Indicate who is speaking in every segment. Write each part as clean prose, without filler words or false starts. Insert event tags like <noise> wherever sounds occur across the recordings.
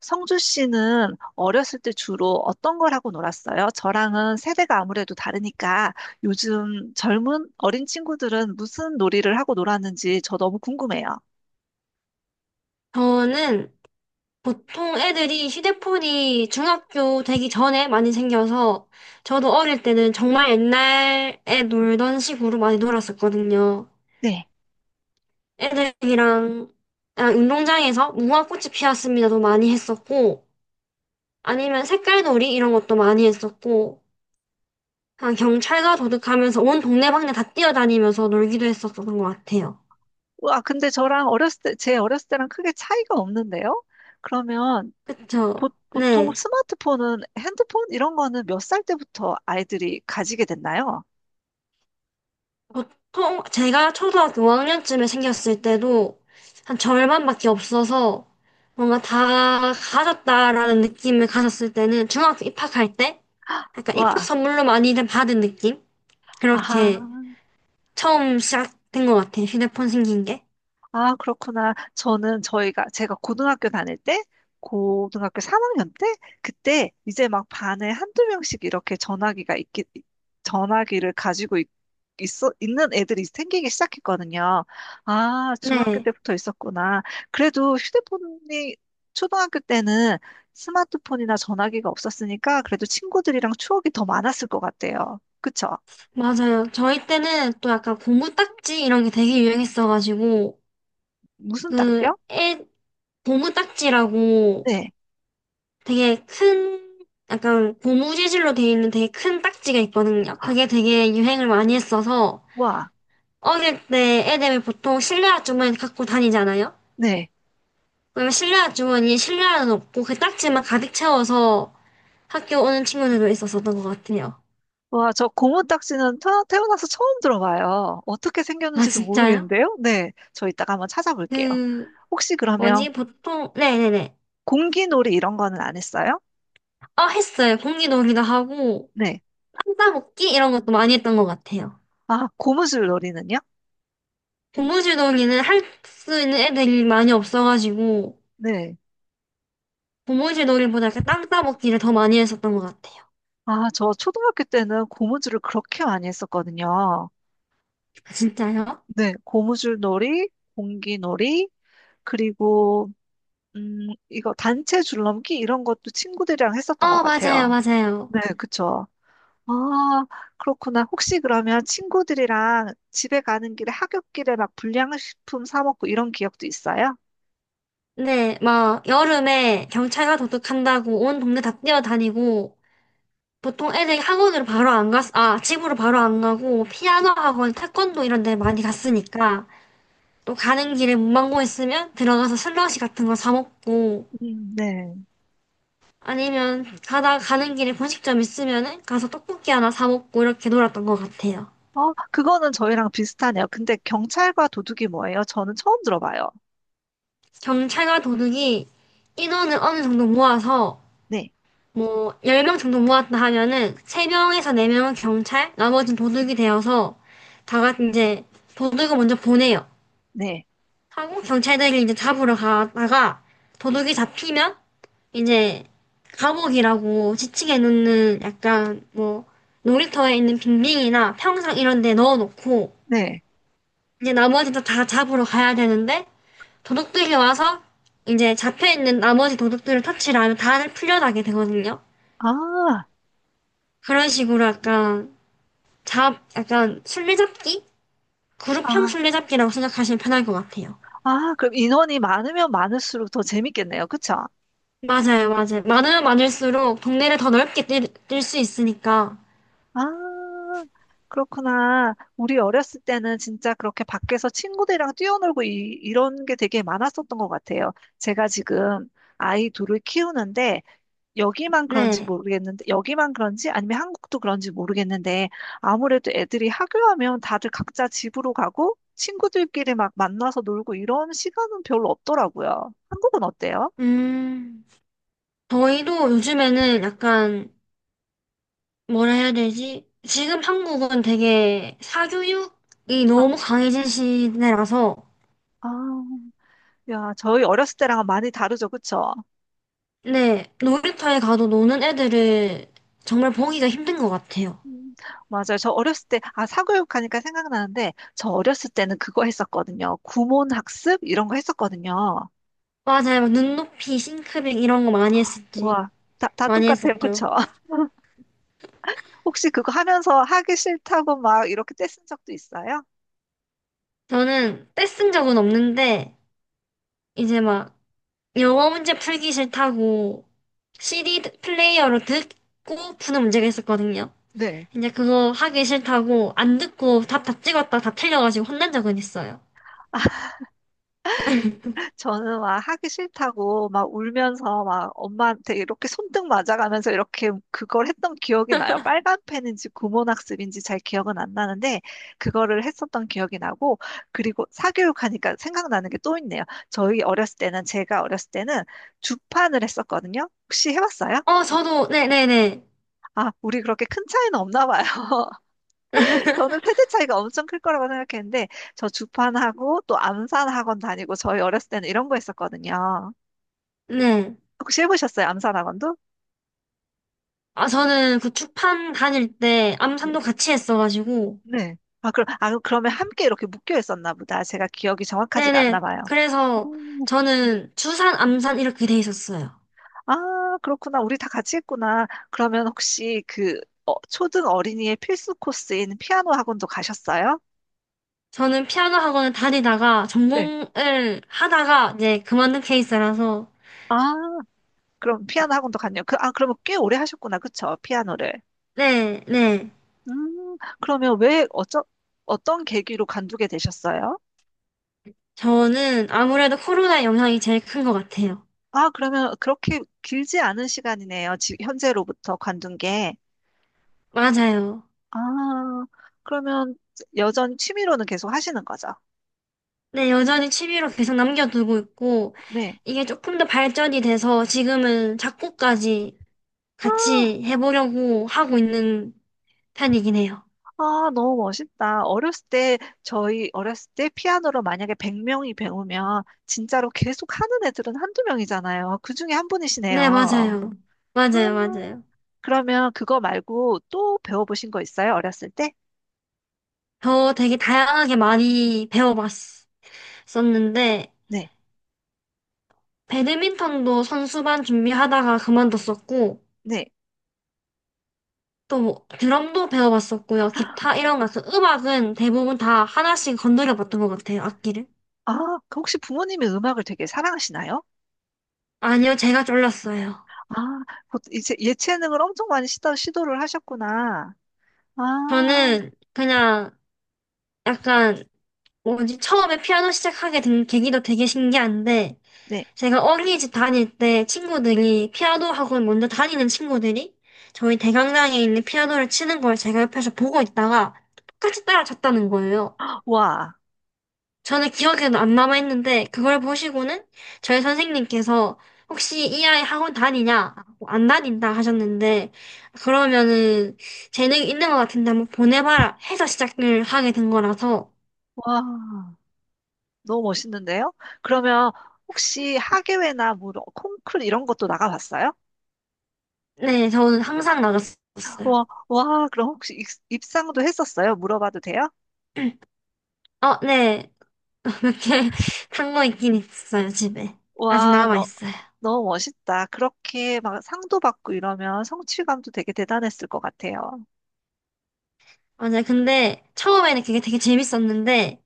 Speaker 1: 성주 씨는 어렸을 때 주로 어떤 걸 하고 놀았어요? 저랑은 세대가 아무래도 다르니까 요즘 젊은 어린 친구들은 무슨 놀이를 하고 놀았는지 저 너무 궁금해요.
Speaker 2: 저는 보통 애들이 휴대폰이 중학교 되기 전에 많이 생겨서 저도 어릴 때는 정말 옛날에 놀던 식으로 많이 놀았었거든요.
Speaker 1: 네.
Speaker 2: 애들이랑 그냥 운동장에서 무궁화꽃이 피었습니다도 많이 했었고, 아니면 색깔놀이 이런 것도 많이 했었고, 그냥 경찰과 도둑하면서 온 동네방네 다 뛰어다니면서 놀기도 했었던 것 같아요.
Speaker 1: 와, 근데 저랑 어렸을 때, 제 어렸을 때랑 크게 차이가 없는데요? 그러면 보,
Speaker 2: 그쵸?
Speaker 1: 보통
Speaker 2: 네.
Speaker 1: 스마트폰은 핸드폰 이런 거는 몇 살 때부터 아이들이 가지게 됐나요?
Speaker 2: 보통 제가 초등학교 5학년쯤에 생겼을 때도 한 절반밖에 없어서 뭔가 다 가졌다라는 느낌을 가졌을 때는 중학교 입학할 때 약간 입학
Speaker 1: 와,
Speaker 2: 선물로 많이들 받은 느낌? 그렇게
Speaker 1: 아하.
Speaker 2: 처음 시작된 것 같아요. 휴대폰 생긴 게.
Speaker 1: 아, 그렇구나. 제가 고등학교 다닐 때, 고등학교 3학년 때, 그때 이제 막 반에 한두 명씩 이렇게 전화기를 가지고 있, 있어, 있는 애들이 생기기 시작했거든요. 아, 중학교
Speaker 2: 네,
Speaker 1: 때부터 있었구나. 그래도 휴대폰이 초등학교 때는 스마트폰이나 전화기가 없었으니까 그래도 친구들이랑 추억이 더 많았을 것 같아요. 그쵸?
Speaker 2: 맞아요. 저희 때는 또 약간 고무딱지 이런 게 되게 유행했어가지고
Speaker 1: 무슨
Speaker 2: 그
Speaker 1: 딱지요?
Speaker 2: 애 고무딱지라고
Speaker 1: 네.
Speaker 2: 되게 큰, 약간 고무 재질로 되어 있는 되게 큰 딱지가 있거든요. 그게 되게 유행을 많이 했어서
Speaker 1: 와,
Speaker 2: 어릴 때 애들 보통 실내화 주머니 갖고 다니잖아요.
Speaker 1: 네.
Speaker 2: 그러면 실내화 주머니에 실내화는 없고 그 딱지만 가득 채워서 학교 오는 친구들도 있었었던 것 같아요.
Speaker 1: 와, 저 고무딱지는 태어나서 처음 들어봐요. 어떻게
Speaker 2: 아,
Speaker 1: 생겼는지도
Speaker 2: 진짜요?
Speaker 1: 모르겠는데요? 네, 저 이따가 한번 찾아볼게요.
Speaker 2: 그,
Speaker 1: 혹시 그러면
Speaker 2: 뭐지, 보통, 네네네.
Speaker 1: 공기놀이 이런 거는 안 했어요?
Speaker 2: 어, 했어요. 공기 놀이도 하고,
Speaker 1: 네.
Speaker 2: 땅 따먹기 이런 것도 많이 했던 것 같아요.
Speaker 1: 아, 고무줄놀이는요?
Speaker 2: 고무줄 놀이는 할 수 있는 애들이 많이 없어가지고,
Speaker 1: 네.
Speaker 2: 고무줄 놀이보다 이렇게 땅 따먹기를 더 많이 했었던 것 같아요.
Speaker 1: 아, 저 초등학교 때는 고무줄을 그렇게 많이 했었거든요.
Speaker 2: 아, 진짜요?
Speaker 1: 네, 고무줄놀이, 공기놀이, 그리고 이거 단체 줄넘기 이런 것도 친구들이랑 했었던 것
Speaker 2: 어, 맞아요,
Speaker 1: 같아요.
Speaker 2: 맞아요.
Speaker 1: 네, 그쵸. 아, 그렇구나. 혹시 그러면 친구들이랑 집에 가는 길에 하굣길에 막 불량식품 사 먹고 이런 기억도 있어요?
Speaker 2: 네, 막, 여름에 경찰과 도둑한다고 온 동네 다 뛰어다니고, 보통 애들이 학원으로 바로 안 갔, 아, 집으로 바로 안 가고, 피아노 학원, 태권도 이런 데 많이 갔으니까, 또 가는 길에 문방구 있으면 들어가서 슬러시 같은 거 사 먹고,
Speaker 1: 네.
Speaker 2: 아니면 가다 가는 길에 분식점 있으면은 가서 떡볶이 하나 사 먹고 이렇게 놀았던 것 같아요.
Speaker 1: 어, 그거는 저희랑 비슷하네요. 근데 경찰과 도둑이 뭐예요? 저는 처음 들어봐요.
Speaker 2: 경찰과 도둑이 인원을 어느 정도 모아서
Speaker 1: 네,
Speaker 2: 뭐 10명 정도 모았다 하면은 3명에서 4명은 경찰, 나머지는 도둑이 되어서 다 같이 이제 도둑을 먼저 보내요.
Speaker 1: 네,
Speaker 2: 하고 경찰들이 이제 잡으러 가다가 도둑이 잡히면 이제 감옥이라고 지치게 놓는 약간 뭐 놀이터에 있는 빙빙이나 평상 이런 데 넣어놓고
Speaker 1: 네.
Speaker 2: 이제 나머지도 다 잡으러 가야 되는데 도둑들이 와서 이제 잡혀 있는 나머지 도둑들을 터치를 하면 다들 풀려나게 되거든요.
Speaker 1: 아,
Speaker 2: 그런 식으로 약간 잡, 약간 술래잡기? 그룹형
Speaker 1: 아,
Speaker 2: 술래잡기라고 생각하시면 편할 것 같아요.
Speaker 1: 아, 그럼 인원이 많으면 많을수록 더 재밌겠네요. 그쵸?
Speaker 2: 맞아요, 맞아요. 많으면 많을수록 동네를 더 넓게 뛸 수 있으니까.
Speaker 1: 아, 그렇구나. 우리 어렸을 때는 진짜 그렇게 밖에서 친구들이랑 뛰어놀고 이런 게 되게 많았었던 것 같아요. 제가 지금 아이 둘을 키우는데
Speaker 2: 네.
Speaker 1: 여기만 그런지 아니면 한국도 그런지 모르겠는데, 아무래도 애들이 하교하면 다들 각자 집으로 가고 친구들끼리 막 만나서 놀고 이런 시간은 별로 없더라고요. 한국은 어때요?
Speaker 2: 음, 저희도 요즘에는 약간 뭐라 해야 되지? 지금 한국은 되게 사교육이
Speaker 1: 아,
Speaker 2: 너무 강해진 시대라서
Speaker 1: 아, 야, 저희 어렸을 때랑은 많이 다르죠, 그쵸?
Speaker 2: 네, 놀이터에 가도 노는 애들을 정말 보기가 힘든 것 같아요.
Speaker 1: 음, 맞아요. 저 어렸을 때, 아, 사교육하니까 생각나는데, 저 어렸을 때는 그거 했었거든요. 구몬학습? 이런 거 했었거든요.
Speaker 2: 맞아요. 막 눈높이, 싱크빙 이런 거 많이 했었지.
Speaker 1: 와, 다
Speaker 2: 많이
Speaker 1: 똑같아요.
Speaker 2: 했었죠.
Speaker 1: 그쵸? <laughs> 혹시 그거 하면서 하기 싫다고 막 이렇게 떼쓴 적도 있어요?
Speaker 2: 저는 떼쓴 적은 없는데, 이제 막 영어 문제 풀기 싫다고 CD 플레이어로 듣고 푸는 문제가 있었거든요.
Speaker 1: 네.
Speaker 2: 이제 그거 하기 싫다고 안 듣고 답 다 찍었다 다 틀려가지고 혼난 적은 있어요.
Speaker 1: 저는 막 하기 싫다고 막 울면서 막 엄마한테 이렇게 손등 맞아가면서 이렇게 그걸 했던 기억이 나요. 빨간 펜인지 구몬학습인지 잘 기억은 안 나는데 그거를 했었던 기억이 나고 그리고 사교육하니까 생각나는 게 또 있네요. 저희 어렸을 때는 제가 어렸을 때는 주판을 했었거든요. 혹시 해봤어요?
Speaker 2: 어, 저도, 네네네.
Speaker 1: 아, 우리 그렇게 큰 차이는 없나 봐요. <laughs> 저는
Speaker 2: <laughs>
Speaker 1: 세대 차이가 엄청 클 거라고 생각했는데 저 주판하고 또 암산학원 다니고 저희 어렸을 때는 이런 거 했었거든요.
Speaker 2: 네. 네.
Speaker 1: 혹시 해보셨어요? 암산학원도?
Speaker 2: 아, 저는 그 축판 다닐 때
Speaker 1: 네.
Speaker 2: 암산도 같이 했어가지고.
Speaker 1: 네. 아, 그러면 함께 이렇게 묶여 있었나 보다. 제가 기억이 정확하지가 않나
Speaker 2: 네네.
Speaker 1: 봐요.
Speaker 2: 그래서
Speaker 1: 음,
Speaker 2: 저는 주산, 암산 이렇게 돼 있었어요.
Speaker 1: 아, 그렇구나. 우리 다 같이 했구나. 그러면 혹시 그 어, 초등 어린이의 필수 코스인 피아노 학원도 가셨어요?
Speaker 2: 저는 피아노 학원을 다니다가
Speaker 1: 네.
Speaker 2: 전공을 하다가 이제 그만둔 케이스라서.
Speaker 1: 아, 그럼 피아노 학원도 갔네요. 아, 그러면 꽤 오래 하셨구나. 그쵸? 피아노를.
Speaker 2: 네, 네.
Speaker 1: 그러면 어떤 계기로 관두게 되셨어요?
Speaker 2: 저는 아무래도 코로나 영향이 제일 큰 것 같아요.
Speaker 1: 아, 그러면 그렇게 길지 않은 시간이네요. 현재로부터 관둔 게.
Speaker 2: 맞아요.
Speaker 1: 아, 그러면 여전히 취미로는 계속 하시는 거죠?
Speaker 2: 네, 여전히 취미로 계속 남겨두고 있고,
Speaker 1: 네.
Speaker 2: 이게 조금 더 발전이 돼서 지금은 작곡까지
Speaker 1: 아,
Speaker 2: 같이 해보려고 하고 있는 편이긴 해요.
Speaker 1: 아, 너무 멋있다. 어렸을 때, 저희 어렸을 때 피아노로 만약에 100명이 배우면 진짜로 계속 하는 애들은 한두 명이잖아요. 그 중에 한
Speaker 2: 네,
Speaker 1: 분이시네요.
Speaker 2: 맞아요. 맞아요,
Speaker 1: 아,
Speaker 2: 맞아요.
Speaker 1: 그러면 그거 말고 또 배워보신 거 있어요? 어렸을 때?
Speaker 2: 저 되게 다양하게 많이 배워봤었는데,
Speaker 1: 네.
Speaker 2: 배드민턴도 선수반 준비하다가 그만뒀었고,
Speaker 1: 네.
Speaker 2: 또 뭐, 드럼도 배워봤었고요. 기타 이런 거, 그 음악은 대부분 다 하나씩 건드려봤던 것 같아요, 악기를.
Speaker 1: 아, 그 혹시 부모님이 음악을 되게 사랑하시나요?
Speaker 2: 아니요, 제가 졸랐어요.
Speaker 1: 아, 곧 이제 예체능을 엄청 많이 시도를 하셨구나. 아,
Speaker 2: 저는 그냥 약간, 뭐지, 처음에 피아노 시작하게 된 계기도 되게 신기한데,
Speaker 1: 네.
Speaker 2: 제가 어린이집 다닐 때 친구들이 피아노 학원 먼저 다니는 친구들이 저희 대강당에 있는 피아노를 치는 걸 제가 옆에서 보고 있다가 똑같이 따라쳤다는 거예요.
Speaker 1: 와,
Speaker 2: 저는 기억에도 안 남아있는데 그걸 보시고는 저희 선생님께서 혹시 이 아이 학원 다니냐? 뭐안 다닌다 하셨는데 그러면은 재능이 있는 것 같은데 한번 보내봐라 해서 시작을 하게 된 거라서
Speaker 1: 와, 너무 멋있는데요? 그러면 혹시 하계회나 뭐 이런 콩쿨 이런 것도 나가봤어요?
Speaker 2: 네, 저는 항상 나갔었어요.
Speaker 1: 와, 와, 그럼 혹시 입상도 했었어요? 물어봐도 돼요?
Speaker 2: 어, 네. <laughs> 이렇게 산 거 있긴 있어요, 집에. 아직
Speaker 1: 와, 너,
Speaker 2: 남아있어요.
Speaker 1: 너무 멋있다. 그렇게 막 상도 받고 이러면 성취감도 되게 대단했을 것 같아요.
Speaker 2: 맞아요. 근데 처음에는 그게 되게 재밌었는데,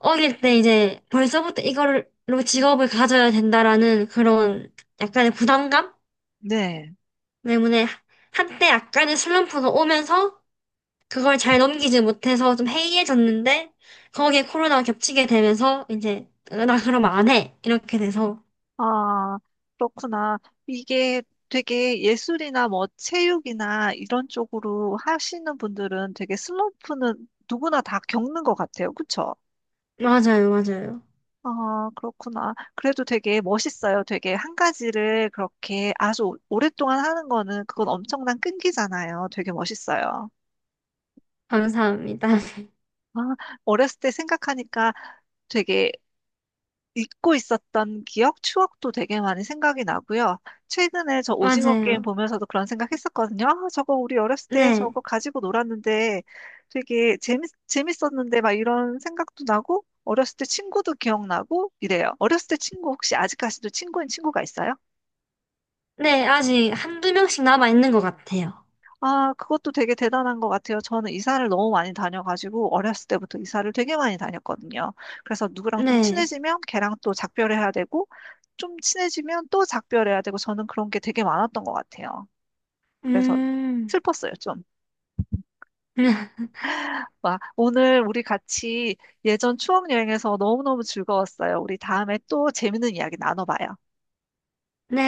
Speaker 2: 어릴 때 이제 벌써부터 이걸로 직업을 가져야 된다라는 그런 약간의 부담감
Speaker 1: 네.
Speaker 2: 때문에 한때 약간의 슬럼프가 오면서 그걸 잘 넘기지 못해서 좀 해이해졌는데, 거기에 코로나가 겹치게 되면서 이제 나 그러면 안 해. 이렇게 돼서.
Speaker 1: 아, 그렇구나. 이게 되게 예술이나 뭐 체육이나 이런 쪽으로 하시는 분들은 되게 슬럼프는 누구나 다 겪는 것 같아요. 그쵸?
Speaker 2: 맞아요, 맞아요.
Speaker 1: 아, 그렇구나. 그래도 되게 멋있어요. 되게 한 가지를 그렇게 아주 오랫동안 하는 거는 그건 엄청난 끈기잖아요. 되게 멋있어요.
Speaker 2: 감사합니다.
Speaker 1: 아, 어렸을 때 생각하니까 되게 잊고 있었던 기억, 추억도 되게 많이 생각이 나고요. 최근에 저
Speaker 2: <laughs>
Speaker 1: 오징어 게임
Speaker 2: 맞아요.
Speaker 1: 보면서도 그런 생각했었거든요. 아, 저거 우리 어렸을 때
Speaker 2: 네.
Speaker 1: 저거 가지고 놀았는데 되게 재밌었는데 막 이런 생각도 나고 어렸을 때 친구도 기억나고 이래요. 어렸을 때 친구 혹시 아직까지도 친구인 친구가 있어요?
Speaker 2: 네, 아직 한두 명씩 남아 있는 것 같아요.
Speaker 1: 아, 그것도 되게 대단한 것 같아요. 저는 이사를 너무 많이 다녀가지고 어렸을 때부터 이사를 되게 많이 다녔거든요. 그래서 누구랑 좀
Speaker 2: 네.
Speaker 1: 친해지면 걔랑 또 작별해야 되고 좀 친해지면 또 작별해야 되고 저는 그런 게 되게 많았던 것 같아요. 그래서
Speaker 2: 음.
Speaker 1: 슬펐어요, 좀.
Speaker 2: <laughs>
Speaker 1: 와, 오늘 우리 같이 예전 추억 여행에서 너무너무 즐거웠어요. 우리 다음에 또 재밌는 이야기 나눠봐요.
Speaker 2: 네.